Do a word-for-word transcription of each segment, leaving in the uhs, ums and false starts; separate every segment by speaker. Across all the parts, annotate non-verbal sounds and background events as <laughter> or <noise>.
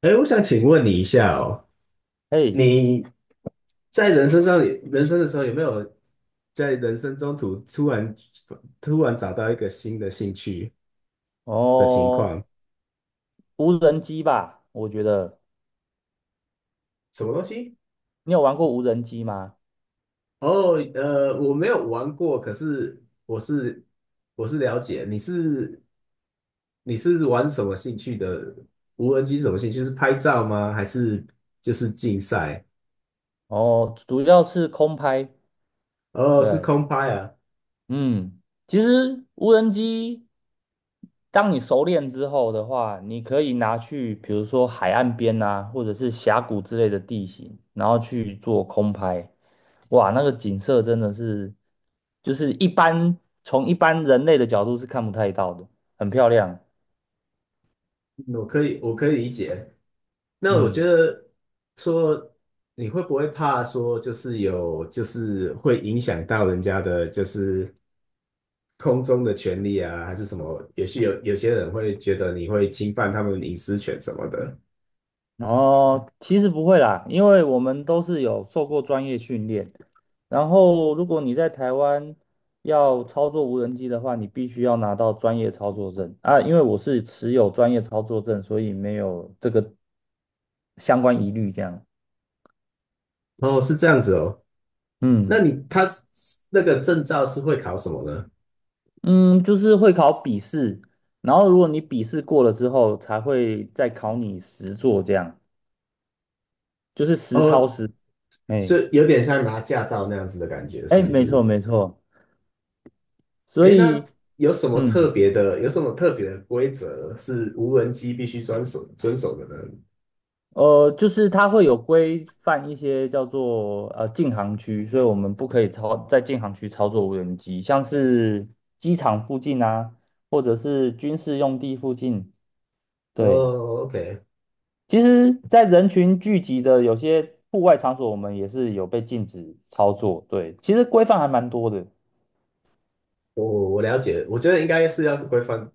Speaker 1: 哎，我想请问你一下哦，
Speaker 2: 嘿，
Speaker 1: 你在人生上，人生的时候有没有在人生中途突然突然找到一个新的兴趣的情
Speaker 2: 哦，
Speaker 1: 况？
Speaker 2: 无人机吧，我觉得
Speaker 1: 什么东西？
Speaker 2: 你有玩过无人机吗？
Speaker 1: 哦，呃，我没有玩过，可是我是我是了解，你是你是玩什么兴趣的？无人机是什么兴趣？是拍照吗？还是就是竞赛？
Speaker 2: 哦，主要是空拍，
Speaker 1: 哦，是
Speaker 2: 对，
Speaker 1: 空拍啊。
Speaker 2: 嗯，其实无人机，当你熟练之后的话，你可以拿去，比如说海岸边啊，或者是峡谷之类的地形，然后去做空拍，哇，那个景色真的是，就是一般从一般人类的角度是看不太到的，很漂亮，
Speaker 1: 嗯我可以，我可以理解。那我觉
Speaker 2: 嗯。
Speaker 1: 得说，你会不会怕说，就是有，就是会影响到人家的，就是空中的权利啊，还是什么？也许有有些人会觉得你会侵犯他们隐私权什么的。
Speaker 2: 哦，其实不会啦，因为我们都是有受过专业训练。然后，如果你在台湾要操作无人机的话，你必须要拿到专业操作证啊。因为我是持有专业操作证，所以没有这个相关疑虑。这样，
Speaker 1: 哦，是这样子哦。那
Speaker 2: 嗯
Speaker 1: 你他那个证照是会考什么呢？
Speaker 2: 嗯，就是会考笔试，然后如果你笔试过了之后，才会再考你实作，这样就是实操
Speaker 1: 哦，
Speaker 2: 实。哎
Speaker 1: 是有点像拿驾照那样子的感觉，
Speaker 2: 哎，
Speaker 1: 是不
Speaker 2: 没错
Speaker 1: 是？
Speaker 2: 没错，所
Speaker 1: 诶，那
Speaker 2: 以
Speaker 1: 有什么特
Speaker 2: 嗯。
Speaker 1: 别的？有什么特别的规则是无人机必须遵守遵守的呢？
Speaker 2: 呃，就是它会有规范一些叫做呃禁航区，所以我们不可以操在禁航区操作无人机，像是机场附近啊，或者是军事用地附近。对，
Speaker 1: 哦，OK，
Speaker 2: 其实，在人群聚集的有些户外场所，我们也是有被禁止操作。对，其实规范还蛮多的。
Speaker 1: 我我了解，我觉得应该是要是规范，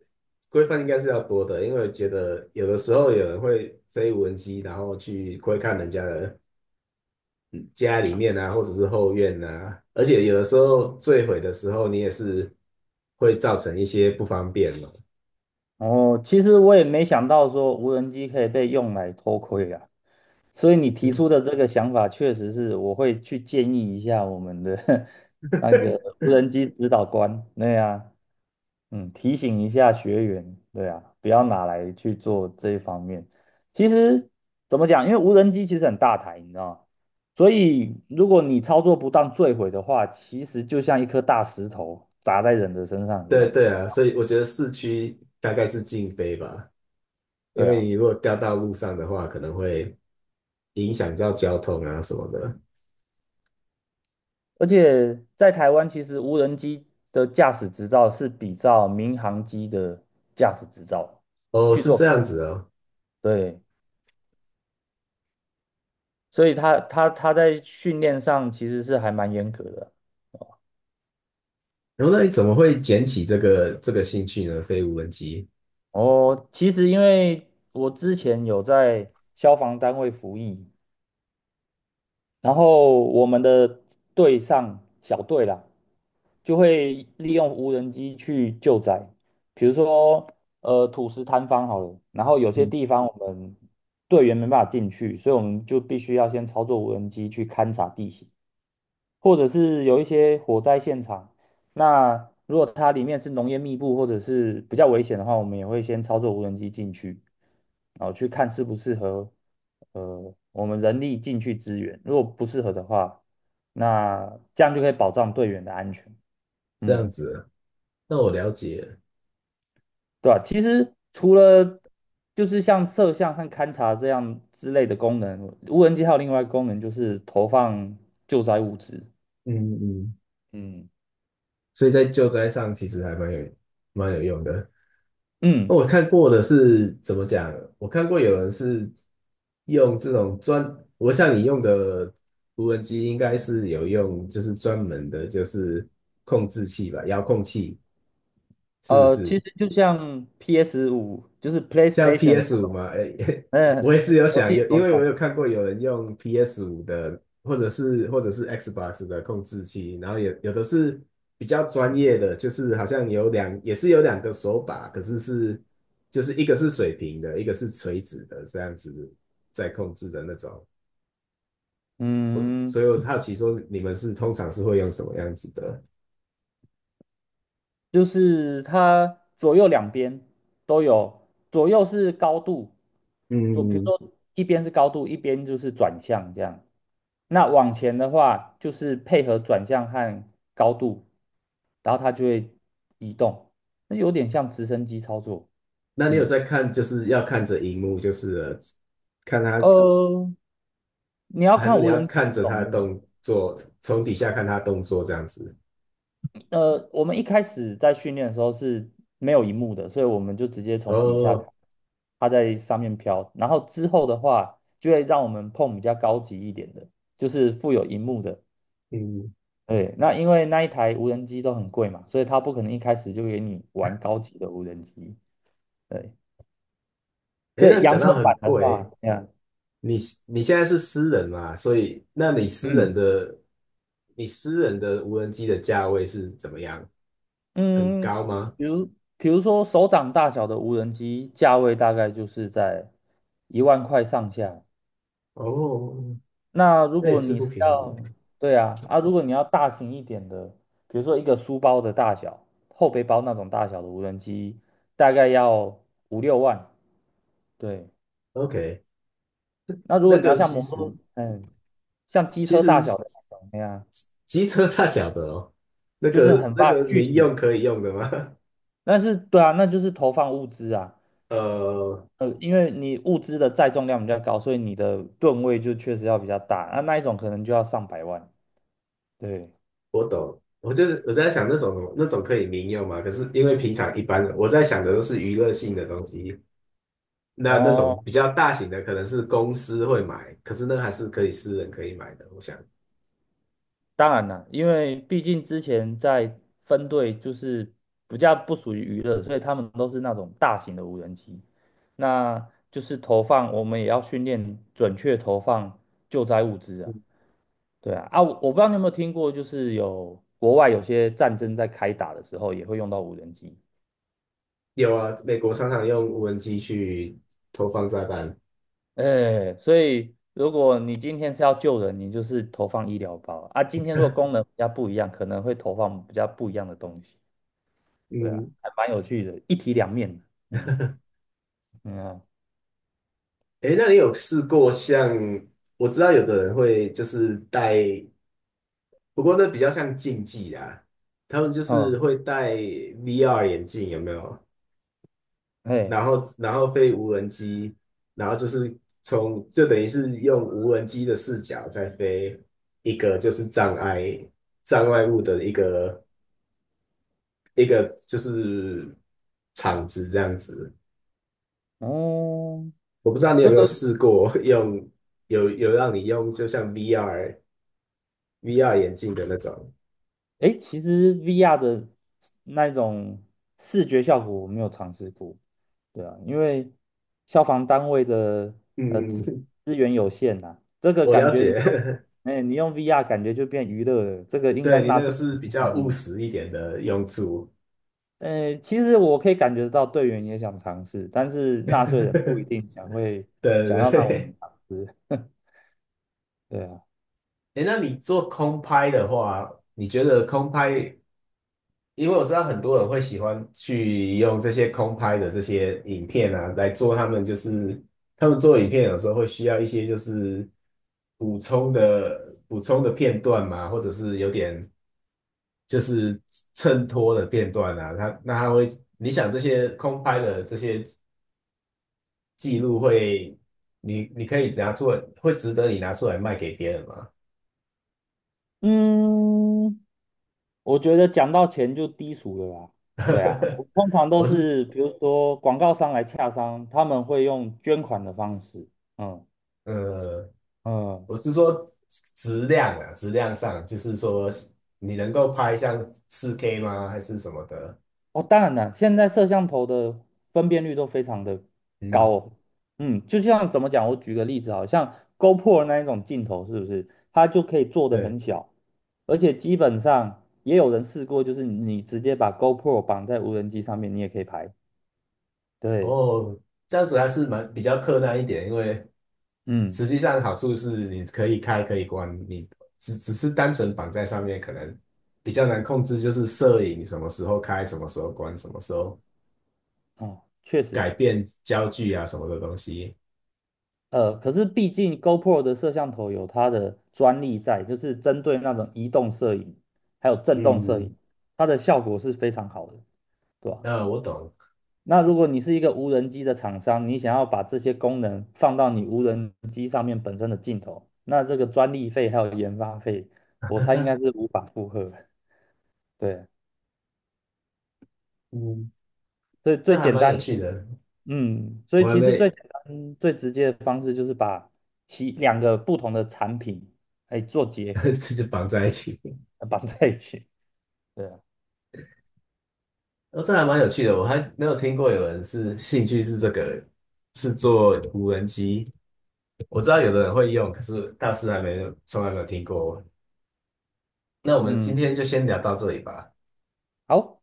Speaker 1: 规范应该是要多的，因为觉得有的时候有人会飞无人机，然后去窥看人家的家里面啊，或者是后院啊，而且有的时候坠毁的时候，你也是会造成一些不方便嘛。
Speaker 2: 哦，其实我也没想到说无人机可以被用来偷窥啊。所以你提出的这个想法，确实是我会去建议一下我们的 <laughs> 那个
Speaker 1: <laughs>
Speaker 2: 无人机指导官，对啊，嗯，提醒一下学员，对啊，不要拿来去做这一方面。其实怎么讲，因为无人机其实很大台，你知道吗？所以如果你操作不当坠毁的话，其实就像一颗大石头砸在人的身上一
Speaker 1: 对
Speaker 2: 样，
Speaker 1: 对啊，所以我觉得市区大概是禁飞吧。因
Speaker 2: 对
Speaker 1: 为
Speaker 2: 啊。
Speaker 1: 你如果掉到路上的话，可能会影响到交通啊什么的。
Speaker 2: 而且在台湾，其实无人机的驾驶执照是比照民航机的驾驶执照
Speaker 1: 哦，
Speaker 2: 去
Speaker 1: 是
Speaker 2: 做
Speaker 1: 这
Speaker 2: 考，
Speaker 1: 样子哦。
Speaker 2: 对，所以他他他在训练上其实是还蛮严格的。
Speaker 1: 然后那你怎么会捡起这个这个兴趣呢？飞无人机，
Speaker 2: 哦，其实因为我之前有在消防单位服役，然后我们的队上小队啦，就会利用无人机去救灾，比如说呃土石坍方好了，然后有些
Speaker 1: 嗯，
Speaker 2: 地方我们队员没办法进去，所以我们就必须要先操作无人机去勘察地形，或者是有一些火灾现场，那如果它里面是浓烟密布或者是比较危险的话，我们也会先操作无人机进去，然后去看适不适合，呃，我们人力进去支援。如果不适合的话，那这样就可以保障队员的安全。
Speaker 1: 这样
Speaker 2: 嗯，
Speaker 1: 子哦，那我了解了。
Speaker 2: 对吧？其实除了就是像摄像和勘察这样之类的功能，无人机还有另外一个功能就是投放救灾物资。
Speaker 1: 嗯嗯。
Speaker 2: 嗯，
Speaker 1: 所以在救灾上其实还蛮有蛮有用的。那
Speaker 2: 嗯。
Speaker 1: 我看过的是怎么讲？我看过有人是用这种专，我像你用的无人机应该是有用，就是专门的，就是控制器吧，遥控器是不
Speaker 2: 呃，
Speaker 1: 是？
Speaker 2: 其实就像 P S 五，就是
Speaker 1: 像
Speaker 2: PlayStation 的，
Speaker 1: PS 五嘛，诶，<laughs>
Speaker 2: 嗯，
Speaker 1: 我也是有
Speaker 2: 游
Speaker 1: 想有，
Speaker 2: 戏
Speaker 1: 因
Speaker 2: 手
Speaker 1: 为我
Speaker 2: 感，
Speaker 1: 有看过有人用 PS 五的，或者是或者是 Xbox 的控制器，然后有有的是比较专业的，就是好像有两也是有两个手把，可是是就是一个是水平的，一个是垂直的，这样子在控制的那种。我
Speaker 2: 嗯，
Speaker 1: 所以我好奇说你们是通常是会用什么样子的？
Speaker 2: 就是它左右两边都有，左右是高度，左，比如
Speaker 1: 嗯，
Speaker 2: 说一边是高度，一边就是转向这样。那往前的话，就是配合转向和高度，然后它就会移动，那有点像直升机操作。
Speaker 1: 那你有
Speaker 2: 嗯，
Speaker 1: 在看，就是要看着荧幕，就是了看它
Speaker 2: 呃，你要
Speaker 1: 还是
Speaker 2: 看
Speaker 1: 你
Speaker 2: 无
Speaker 1: 要
Speaker 2: 人机
Speaker 1: 看
Speaker 2: 的
Speaker 1: 着他
Speaker 2: 种
Speaker 1: 的
Speaker 2: 类。
Speaker 1: 动作，从底下看他的动作这样子。
Speaker 2: 呃，我们一开始在训练的时候是没有荧幕的，所以我们就直接从底下看，
Speaker 1: 哦，
Speaker 2: 它在上面飘。然后之后的话，就会让我们碰比较高级一点的，就是附有荧幕的。
Speaker 1: 嗯，
Speaker 2: 对，那因为那一台无人机都很贵嘛，所以它不可能一开始就给你玩高级的无人机。对，
Speaker 1: 哎，
Speaker 2: 所
Speaker 1: 那
Speaker 2: 以
Speaker 1: 你讲
Speaker 2: 阳春
Speaker 1: 到很
Speaker 2: 版的话，
Speaker 1: 贵，
Speaker 2: 这样，
Speaker 1: 你你现在是私人嘛，所以那你私人
Speaker 2: 嗯
Speaker 1: 的你私人的无人机的价位是怎么样？很
Speaker 2: 嗯，
Speaker 1: 高吗？
Speaker 2: 比如比如说手掌大小的无人机，价位大概就是在一万块上下。
Speaker 1: 哦，
Speaker 2: 那如
Speaker 1: 那也
Speaker 2: 果
Speaker 1: 是
Speaker 2: 你
Speaker 1: 不
Speaker 2: 是
Speaker 1: 便宜。
Speaker 2: 要，对啊，啊，如果你要大型一点的，比如说一个书包的大小，后背包那种大小的无人机，大概要五六万。对，
Speaker 1: OK，
Speaker 2: 那如果
Speaker 1: 那
Speaker 2: 你
Speaker 1: 个
Speaker 2: 要像
Speaker 1: 其
Speaker 2: 摩托，
Speaker 1: 实
Speaker 2: 嗯，像机
Speaker 1: 其
Speaker 2: 车大
Speaker 1: 实
Speaker 2: 小的那种，那样，
Speaker 1: 机车 <laughs> 大小的哦，那
Speaker 2: 就是
Speaker 1: 个
Speaker 2: 很
Speaker 1: 那
Speaker 2: 怕
Speaker 1: 个
Speaker 2: 巨
Speaker 1: 民
Speaker 2: 型。
Speaker 1: 用可以用的吗？
Speaker 2: 但是，对啊，那就是投放物资啊，
Speaker 1: <laughs> 呃，
Speaker 2: 呃，因为你物资的载重量比较高，所以你的吨位就确实要比较大，那、那一种可能就要上百万。对，
Speaker 1: 我懂，我就是我在想那种那种可以民用嘛，可是因为平常一般人我在想的都是娱乐性的东西，那那
Speaker 2: 哦，
Speaker 1: 种比较大型的可能是公司会买，可是那还是可以私人可以买的，我想
Speaker 2: 当然啦，因为毕竟之前在分队就是比较不属于娱乐，所以他们都是那种大型的无人机，那就是投放，我们也要训练准确投放救灾物资啊。对啊，啊，我我不知道你有没有听过，就是有国外有些战争在开打的时候也会用到无人机，
Speaker 1: 有啊，美国常常用无人机去投放炸弹，
Speaker 2: 哎，所以如果你今天是要救人，你就是投放医疗包啊。啊今天如果功能比较不一样，可能会投放比较不一样的东西。对啊，
Speaker 1: 嗯，
Speaker 2: 还蛮有趣的，一体两面的。嗯嗯啊，
Speaker 1: 诶，那你有试过像我知道有的人会就是戴，不过那比较像竞技啦，他们就是
Speaker 2: 哦，
Speaker 1: 会戴 V R 眼镜，有没有？
Speaker 2: 嘿，
Speaker 1: 然后然后飞无人机，然后就是从就等于是用无人机的视角在飞一个就是障碍障碍物的一个一个就是场子这样子。
Speaker 2: 哦，
Speaker 1: 我不知道你有
Speaker 2: 这
Speaker 1: 没有
Speaker 2: 个，
Speaker 1: 试过用有有让你用就像 V R V R 眼镜的那种，
Speaker 2: 诶，其实 V R 的那种视觉效果我没有尝试过。对啊，因为消防单位的呃
Speaker 1: 嗯，<laughs>
Speaker 2: 资
Speaker 1: 嗯，
Speaker 2: 资源有限呐、这个
Speaker 1: 我
Speaker 2: 感
Speaker 1: 了
Speaker 2: 觉你用
Speaker 1: 解，
Speaker 2: 哎，你用 V R 感觉就变娱乐了，这个
Speaker 1: <laughs>
Speaker 2: 应该
Speaker 1: 对你
Speaker 2: 纳
Speaker 1: 那个
Speaker 2: 税
Speaker 1: 是比
Speaker 2: 人
Speaker 1: 较
Speaker 2: 抗
Speaker 1: 务
Speaker 2: 议。
Speaker 1: 实一点的用处，
Speaker 2: 呃，其实我可以感觉到队员也想尝试，但是
Speaker 1: <laughs>
Speaker 2: 纳税人不一
Speaker 1: 对
Speaker 2: 定想会
Speaker 1: 对
Speaker 2: 想要让我们
Speaker 1: 对。
Speaker 2: 尝试。<laughs> 对啊。
Speaker 1: 哎，那你做空拍的话，你觉得空拍，因为我知道很多人会喜欢去用这些空拍的这些影片啊，来做他们就是他们做影片有时候会需要一些就是补充的补充的片段嘛，或者是有点就是衬托的片段啊，他那他会，你想这些空拍的这些记录会，你你可以拿出来，会值得你拿出来卖给别人吗？
Speaker 2: 嗯，我觉得讲到钱就低俗了啦。对啊，我
Speaker 1: <laughs>
Speaker 2: 通常都
Speaker 1: 我是
Speaker 2: 是比如说广告商来洽商，他们会用捐款的方式。嗯
Speaker 1: 呃，
Speaker 2: 嗯，
Speaker 1: 我是说质量啊，质量上，就是说你能够拍像四 k 吗，还是什么的？
Speaker 2: 哦，当然了，现在摄像头的分辨率都非常的高
Speaker 1: 嗯，
Speaker 2: 哦。嗯，就像怎么讲，我举个例子，好像 GoPro 那一种镜头，是不是它就可以做的
Speaker 1: 对，
Speaker 2: 很小，而且基本上也有人试过，就是你直接把 GoPro 绑在无人机上面，你也可以拍。对，
Speaker 1: 哦，这样子还是蛮比较困难一点，因为
Speaker 2: 嗯，
Speaker 1: 实际上好处是你可以开可以关，你只只是单纯绑在上面，可能比较难控制，就是摄影什么时候开，什么时候关，什么时候
Speaker 2: 哦，确实。
Speaker 1: 改变焦距啊什么的东西。
Speaker 2: 呃，可是毕竟 GoPro 的摄像头有它的专利在，就是针对那种移动摄影还有震动摄
Speaker 1: 嗯，
Speaker 2: 影，它的效果是非常好的，对吧？
Speaker 1: 呃，我懂，
Speaker 2: 那如果你是一个无人机的厂商，你想要把这些功能放到你无人机上面本身的镜头，那这个专利费还有研发费，我猜应该是
Speaker 1: <laughs>
Speaker 2: 无法负荷的。对，
Speaker 1: 嗯，
Speaker 2: 所以最
Speaker 1: 这还
Speaker 2: 简
Speaker 1: 蛮
Speaker 2: 单，
Speaker 1: 有趣的。
Speaker 2: 嗯，所以
Speaker 1: 我还
Speaker 2: 其实最
Speaker 1: 没，
Speaker 2: 简单、最直接的方式就是把其两个不同的产品，哎，做结
Speaker 1: <laughs>
Speaker 2: 合。
Speaker 1: 这就绑在一起。
Speaker 2: 绑在一起。对啊，
Speaker 1: 哦，这还蛮有趣的，我还没有听过有人是兴趣是这个，是做无人机。我知道有的人会用，可是大师还没有，从来没有听过。那我们今
Speaker 2: 嗯，
Speaker 1: 天就先聊到这里吧。
Speaker 2: 好，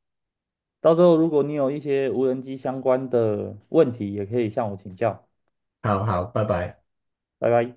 Speaker 2: 到时候如果你有一些无人机相关的问题，也可以向我请教。
Speaker 1: 好好，拜拜。
Speaker 2: 拜拜。